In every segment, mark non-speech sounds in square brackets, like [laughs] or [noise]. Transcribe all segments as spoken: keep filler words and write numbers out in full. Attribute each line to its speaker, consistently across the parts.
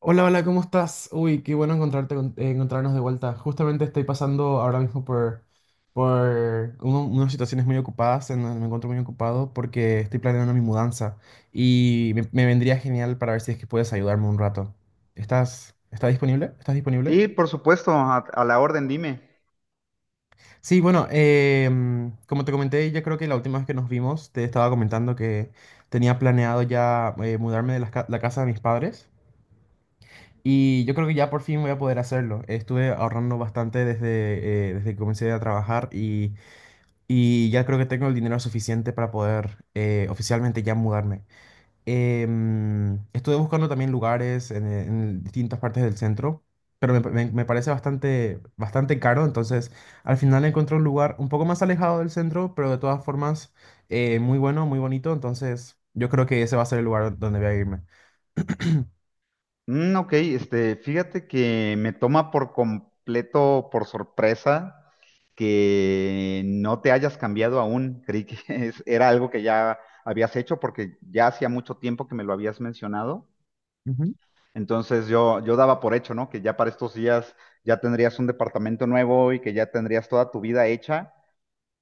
Speaker 1: Hola, hola, ¿cómo estás? Uy, qué bueno encontrarte, con- eh, encontrarnos de vuelta. Justamente estoy pasando ahora mismo por, por uno- unas situaciones muy ocupadas, en donde me encuentro muy ocupado porque estoy planeando mi mudanza y me, me vendría genial para ver si es que puedes ayudarme un rato. ¿Estás, estás disponible? ¿Estás disponible?
Speaker 2: Sí, por supuesto, a, a la orden, dime.
Speaker 1: Sí, bueno, em, como te comenté, yo creo que la última vez que nos vimos te estaba comentando que tenía planeado ya eh, mudarme de las ca- la casa de mis padres. Y yo creo que ya por fin voy a poder hacerlo. Estuve ahorrando bastante desde, eh, desde que comencé a trabajar y, y ya creo que tengo el dinero suficiente para poder eh, oficialmente ya mudarme. Em, estuve buscando también lugares en, en distintas partes del centro, pero me, me- me parece bastante, bastante caro. Entonces, al final encontré un lugar un poco más alejado del centro, pero de todas formas eh, muy bueno, muy bonito. Entonces, yo creo que ese va a ser el lugar donde voy a irme.
Speaker 2: Mm, ok, este, fíjate que me toma por completo, por sorpresa, que no te hayas cambiado aún. Creí que [laughs] es- era algo que ya habías hecho porque ya hacía mucho tiempo que me lo habías mencionado.
Speaker 1: Ujú.
Speaker 2: Entonces yo, yo daba por hecho, ¿no? Que ya para estos días ya tendrías un departamento nuevo y que ya tendrías toda tu vida hecha.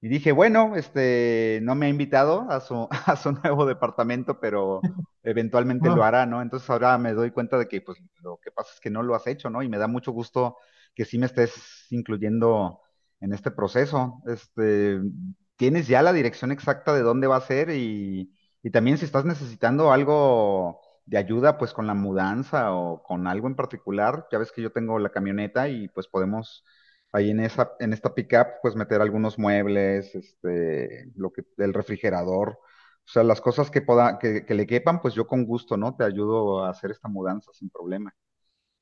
Speaker 2: Y dije, bueno, este, no me ha invitado a su, [laughs] a su nuevo departamento, pero eventualmente lo hará, ¿no? Entonces ahora me doy cuenta de que, pues, lo que pasa es que no lo has hecho, ¿no? Y me da mucho gusto que sí me estés incluyendo en este proceso. Este, tienes ya la dirección exacta de dónde va a ser y, y también si estás necesitando algo de ayuda, pues, con la mudanza o con algo en particular, ya ves que yo tengo la camioneta y, pues, podemos. Ahí en esa, en esta pickup, pues meter algunos muebles, este, lo que, el refrigerador, o sea, las cosas que poda, que, que le quepan, pues yo con gusto, ¿no? Te ayudo a hacer esta mudanza sin problema.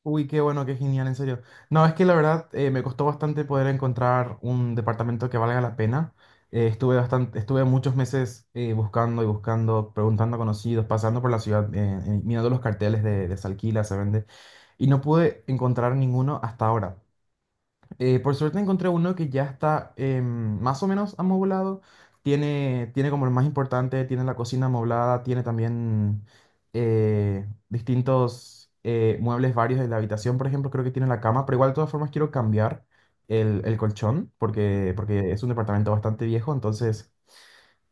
Speaker 1: Uy, qué bueno, qué genial, en serio. No, es que la verdad eh, me costó bastante poder encontrar un departamento que valga la pena. Eh, estuve bastante, estuve muchos meses eh, buscando y buscando, preguntando a conocidos, pasando por la ciudad, eh, eh, mirando los carteles de, de se alquila, se vende, y no pude encontrar ninguno hasta ahora. Eh, por suerte encontré uno que ya está em, más o menos amoblado. Tiene, tiene como lo más importante, tiene la cocina amoblada, tiene también eh, distintos eh, muebles varios de la habitación, por ejemplo, creo que tiene la cama, pero igual de todas formas quiero cambiar el, el colchón porque, porque es un departamento bastante viejo, entonces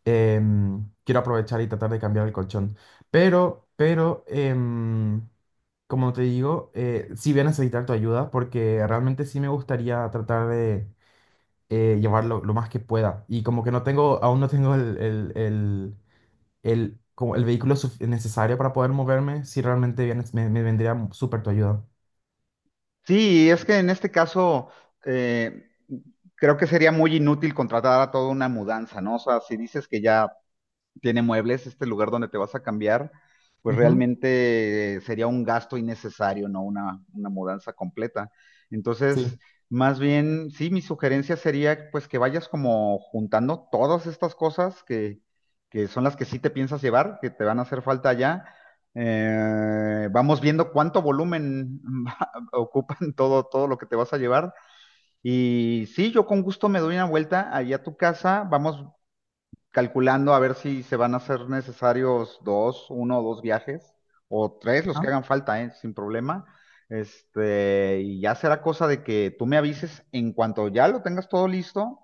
Speaker 1: em, quiero aprovechar y tratar de cambiar el colchón. Pero, pero, em, como te digo, eh, sí voy a necesitar tu ayuda porque realmente sí me gustaría tratar de eh, llevarlo lo más que pueda. Y como que no tengo, aún no tengo el, el, el, el- como el vehículo suf- necesario para poder moverme, sí realmente bien, me, me vendría súper tu ayuda.
Speaker 2: Sí, es que en este caso, eh, creo que sería muy inútil contratar a toda una mudanza, ¿no? O sea, si dices que ya tiene muebles, este lugar donde te vas a cambiar, pues
Speaker 1: Ujú,
Speaker 2: realmente eh, sería un gasto innecesario, ¿no? Una, una mudanza completa. Entonces,
Speaker 1: sí.
Speaker 2: más bien, sí, mi sugerencia sería pues que vayas como juntando todas estas cosas que, que son las que sí te piensas llevar, que te van a hacer falta allá. Eh, vamos viendo cuánto volumen [laughs] ocupan todo, todo lo que te vas a llevar. Y sí, yo con gusto me doy una vuelta allá a tu casa, vamos calculando a ver si se van a hacer necesarios dos, uno o dos viajes, o tres, los que hagan falta, ¿eh? Sin problema. Este, y ya será cosa de que tú me avises en cuanto ya lo tengas todo listo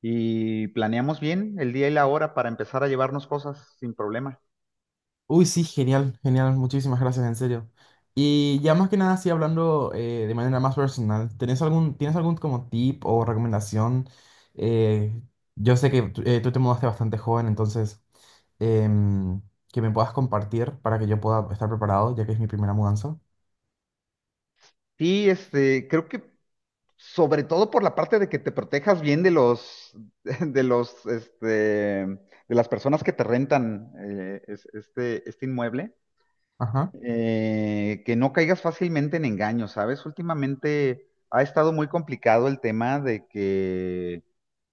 Speaker 2: y planeamos bien el día y la hora para empezar a llevarnos cosas sin problema.
Speaker 1: Uy, sí, genial, genial, muchísimas gracias, en serio. Y ya más que nada, sí, hablando eh, de manera más personal, ¿tenés algún, tienes algún como tip o recomendación? Eh, yo sé que tú eh, tú te mudaste bastante joven, entonces, em, que me puedas compartir para que yo pueda estar preparado, ya que es mi primera mudanza.
Speaker 2: Sí, este, creo que sobre todo por la parte de que te protejas bien de los, [laughs] de los, este, de las personas que te rentan eh, es- este, este inmueble.
Speaker 1: Ajá.
Speaker 2: eh, que no caigas fácilmente en engaños, ¿sabes? Últimamente ha estado muy complicado el tema de que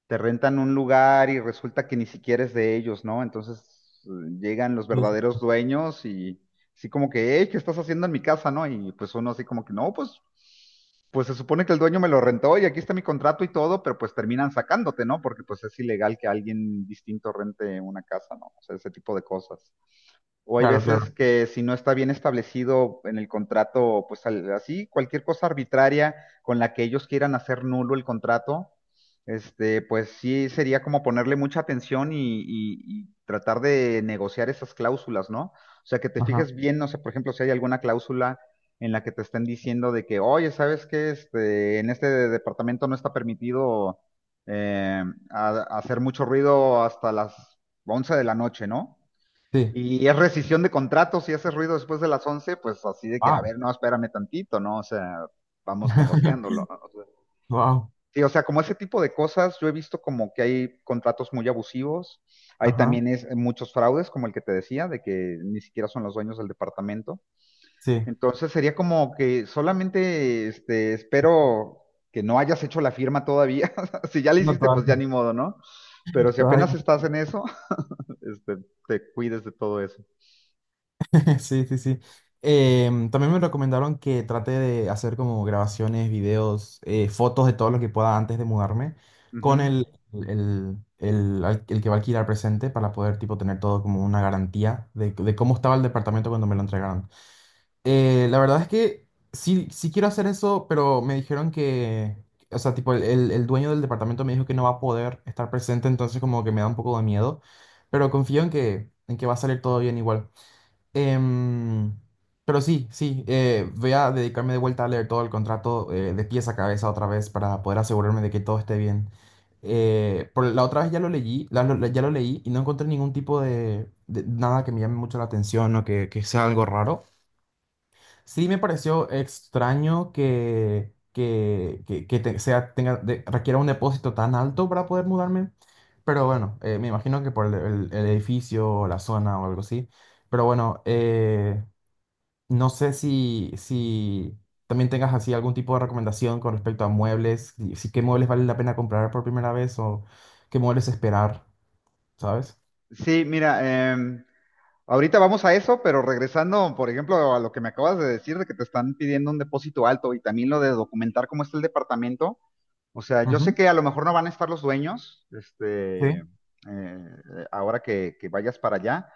Speaker 2: te rentan un lugar y resulta que ni siquiera es de ellos, ¿no? Entonces eh, llegan los
Speaker 1: Sí, sí.
Speaker 2: verdaderos dueños y así como que, hey, ¿qué estás haciendo en mi casa, no? Y pues uno así como que, no, pues, pues se supone que el dueño me lo rentó y aquí está mi contrato y todo, pero pues terminan sacándote, ¿no? Porque pues es ilegal que alguien distinto rente una casa, ¿no? O sea, ese tipo de cosas. O hay
Speaker 1: Claro, claro.
Speaker 2: veces que si no está bien establecido en el contrato, pues al- así, cualquier cosa arbitraria con la que ellos quieran hacer nulo el contrato, este, pues sí sería como ponerle mucha atención y, y- y tratar de negociar esas cláusulas, ¿no? O sea, que te
Speaker 1: Ajá.
Speaker 2: fijes bien, no sé, por ejemplo, si hay alguna cláusula en la que te estén diciendo de que, oye, ¿sabes qué? Este, en este departamento no está permitido eh, a- hacer mucho ruido hasta las once de la noche, ¿no?
Speaker 1: Sí.
Speaker 2: Y es rescisión de contratos, si hace ruido después de las once pues así de que, a
Speaker 1: Wow.
Speaker 2: ver, no, espérame tantito, ¿no? O sea, vamos negociándolo,
Speaker 1: [laughs]
Speaker 2: ¿no? O sea,
Speaker 1: Wow.
Speaker 2: sí, o sea, como ese tipo de cosas, yo he visto como que hay contratos muy abusivos, hay
Speaker 1: Ajá.
Speaker 2: también es, muchos fraudes, como el que te decía, de que ni siquiera son los dueños del departamento.
Speaker 1: Sí.
Speaker 2: Entonces sería como que solamente este, espero que no hayas hecho la firma todavía. [laughs] Si ya la
Speaker 1: No
Speaker 2: hiciste, pues ya
Speaker 1: todavía.
Speaker 2: ni modo, ¿no? Pero si apenas estás en eso, [laughs] este, te cuides de todo eso.
Speaker 1: [laughs] Sí, sí, sí. Em, también me recomendaron que trate de hacer como grabaciones, videos, eh, fotos de todo lo que pueda antes de mudarme con
Speaker 2: Ujú.
Speaker 1: el, el, el, al- el que va a alquilar presente para poder tipo tener todo como una garantía de, de cómo estaba el departamento cuando me lo entregaron. Eh, la verdad es que sí, sí quiero hacer eso, pero me dijeron que, o sea, tipo el, el el dueño del departamento me dijo que no va a poder estar presente, entonces como que me da un poco de miedo, pero confío en que, en que va a salir todo bien igual. Em, pero sí, sí, eh, voy a dedicarme de vuelta a leer todo el contrato eh, de pies a cabeza otra vez para poder asegurarme de que todo esté bien. Eh, por, la otra vez ya lo leí, la- lo- ya lo leí y no encontré ningún tipo de, de nada que me llame mucho la atención o que, que sea algo raro. Sí me pareció extraño que, que, que, que te- sea, tenga, de- requiera un depósito tan alto para poder mudarme, pero bueno, eh, me imagino que por el, el- el edificio o la zona o algo así. Pero bueno, eh, no sé si, si también tengas así algún tipo de recomendación con respecto a muebles, si, si qué muebles vale la pena comprar por primera vez o qué muebles esperar, ¿sabes?
Speaker 2: Sí, mira, em, ahorita vamos a eso, pero regresando, por ejemplo, a lo que me acabas de decir de que te están pidiendo un depósito alto y también lo de documentar cómo está el departamento. O sea, yo sé
Speaker 1: Ujú.
Speaker 2: que a lo mejor no van a estar los dueños,
Speaker 1: Sí.
Speaker 2: este, eh, ahora que, que vayas para allá,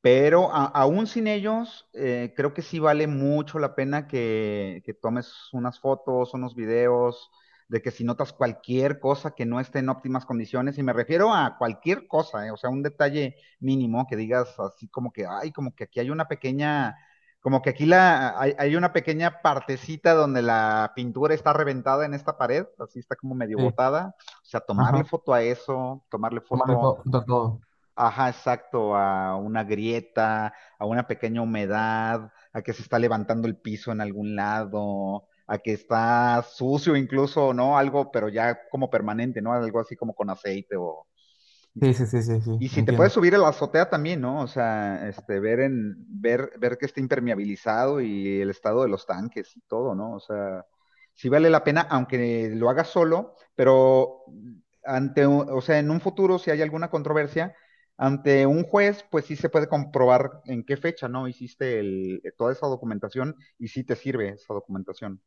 Speaker 2: pero a- aún sin ellos, eh, creo que sí vale mucho la pena que, que tomes unas fotos, unos videos, de que si notas cualquier cosa que no esté en óptimas condiciones, y me refiero a cualquier cosa, eh, o sea, un detalle mínimo que digas así como que, ay, como que aquí hay una pequeña, como que aquí la, hay, hay una pequeña partecita donde la pintura está reventada en esta pared, así está como medio
Speaker 1: Sí,
Speaker 2: botada, o sea, tomarle
Speaker 1: ajá.
Speaker 2: foto a eso, tomarle
Speaker 1: Tomarle
Speaker 2: foto.
Speaker 1: todo, todo.
Speaker 2: Ajá, exacto, a una grieta, a una pequeña humedad, a que se está levantando el piso en algún lado, a que está sucio incluso, ¿no? Algo, pero ya como permanente, ¿no? Algo así como con aceite o,
Speaker 1: Sí, sí, sí, sí, sí,
Speaker 2: y si te puedes
Speaker 1: entiendo.
Speaker 2: subir a la azotea también, ¿no? O sea, este, ver en, ver, ver que esté impermeabilizado y el estado de los tanques y todo, ¿no? O sea, sí vale la pena, aunque lo hagas solo, pero ante, un- o sea, en un futuro, si hay alguna controversia, ante un juez, pues sí se puede comprobar en qué fecha, ¿no? Hiciste el- toda esa documentación y sí te sirve esa documentación.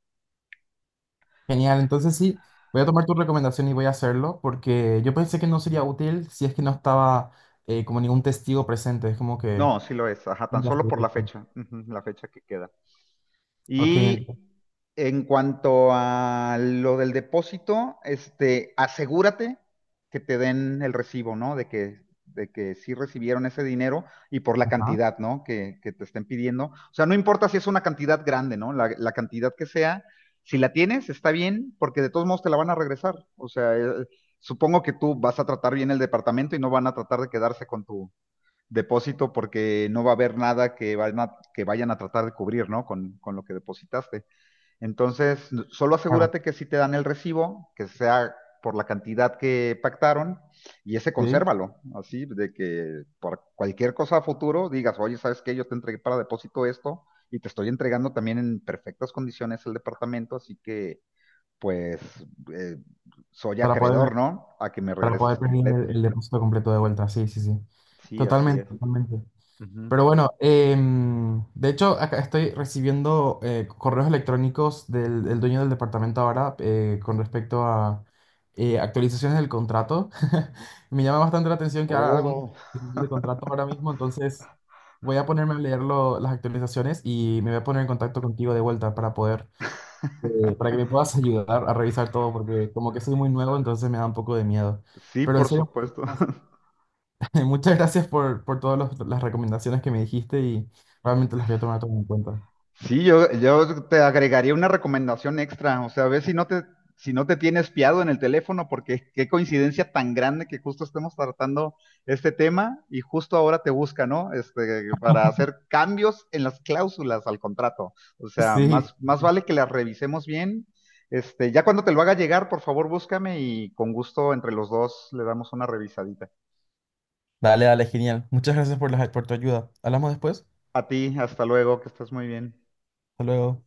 Speaker 1: Genial, entonces sí, voy a tomar tu recomendación y voy a hacerlo porque yo pensé que no sería útil si es que no estaba eh, como ningún testigo presente, es como que...
Speaker 2: No, sí lo es, ajá, tan
Speaker 1: Ya sé,
Speaker 2: solo por
Speaker 1: ya
Speaker 2: la
Speaker 1: sé.
Speaker 2: fecha, ujú, la fecha que queda.
Speaker 1: Ok, entiendo.
Speaker 2: Y en cuanto a lo del depósito, este, asegúrate que te den el recibo, ¿no? De que, de que sí recibieron ese dinero y por la
Speaker 1: Ajá,
Speaker 2: cantidad, ¿no? Que, que te estén pidiendo. O sea, no importa si es una cantidad grande, ¿no? La, la cantidad que sea, si la tienes, está bien, porque de todos modos te la van a regresar. O sea, eh, supongo que tú vas a tratar bien el departamento y no van a tratar de quedarse con tu depósito porque no va a haber nada que, van a, que vayan a tratar de cubrir, ¿no? Con, con, lo que depositaste. Entonces, solo
Speaker 1: claro,
Speaker 2: asegúrate que si te dan el recibo, que sea por la cantidad que pactaron, y ese
Speaker 1: sí,
Speaker 2: consérvalo, así, de que por cualquier cosa a futuro digas, oye, ¿sabes qué? Yo te entregué para depósito esto, y te estoy entregando también en perfectas condiciones el departamento, así que, pues, eh, soy
Speaker 1: para poder...
Speaker 2: acreedor, ¿no? A que me
Speaker 1: Para
Speaker 2: regreses
Speaker 1: poder pedir
Speaker 2: completo.
Speaker 1: el, el depósito completo de vuelta, sí, sí, sí.
Speaker 2: Sí, así
Speaker 1: Totalmente,
Speaker 2: es.
Speaker 1: totalmente.
Speaker 2: Uh -huh.
Speaker 1: Pero bueno, em, de hecho, acá estoy recibiendo eh, correos electrónicos del, del dueño del departamento ahora eh, con respecto a eh, actualizaciones del contrato. [laughs] Me llama bastante la atención que haga algún
Speaker 2: Oh,
Speaker 1: tipo de
Speaker 2: [laughs]
Speaker 1: contrato ahora mismo, entonces voy a ponerme a leer lo- las actualizaciones y me voy a poner en contacto contigo de vuelta para poder eh, para que me puedas [laughs] ayudar a revisar todo, porque como que soy muy nuevo, entonces me da un poco de miedo.
Speaker 2: sí,
Speaker 1: Pero en
Speaker 2: por
Speaker 1: serio,
Speaker 2: supuesto.
Speaker 1: [laughs]
Speaker 2: [laughs]
Speaker 1: muchas gracias por, por todas los- las recomendaciones que me dijiste y realmente las voy a tomar todo en cuenta.
Speaker 2: Sí, yo, yo te agregaría una recomendación extra, o sea, a ver si no te, si no te tiene espiado en el teléfono, porque qué coincidencia tan grande que justo estemos tratando este tema y justo ahora te busca, ¿no? Este, para hacer cambios en las cláusulas al contrato. O sea,
Speaker 1: Sí,
Speaker 2: más, más vale que las revisemos bien. Este, ya cuando te lo haga llegar, por favor, búscame y con gusto entre los dos le damos una revisadita.
Speaker 1: dale, dale, genial. Muchas gracias por, las, por tu ayuda. Hablamos después.
Speaker 2: A ti, hasta luego, que estés muy bien.
Speaker 1: Hasta luego.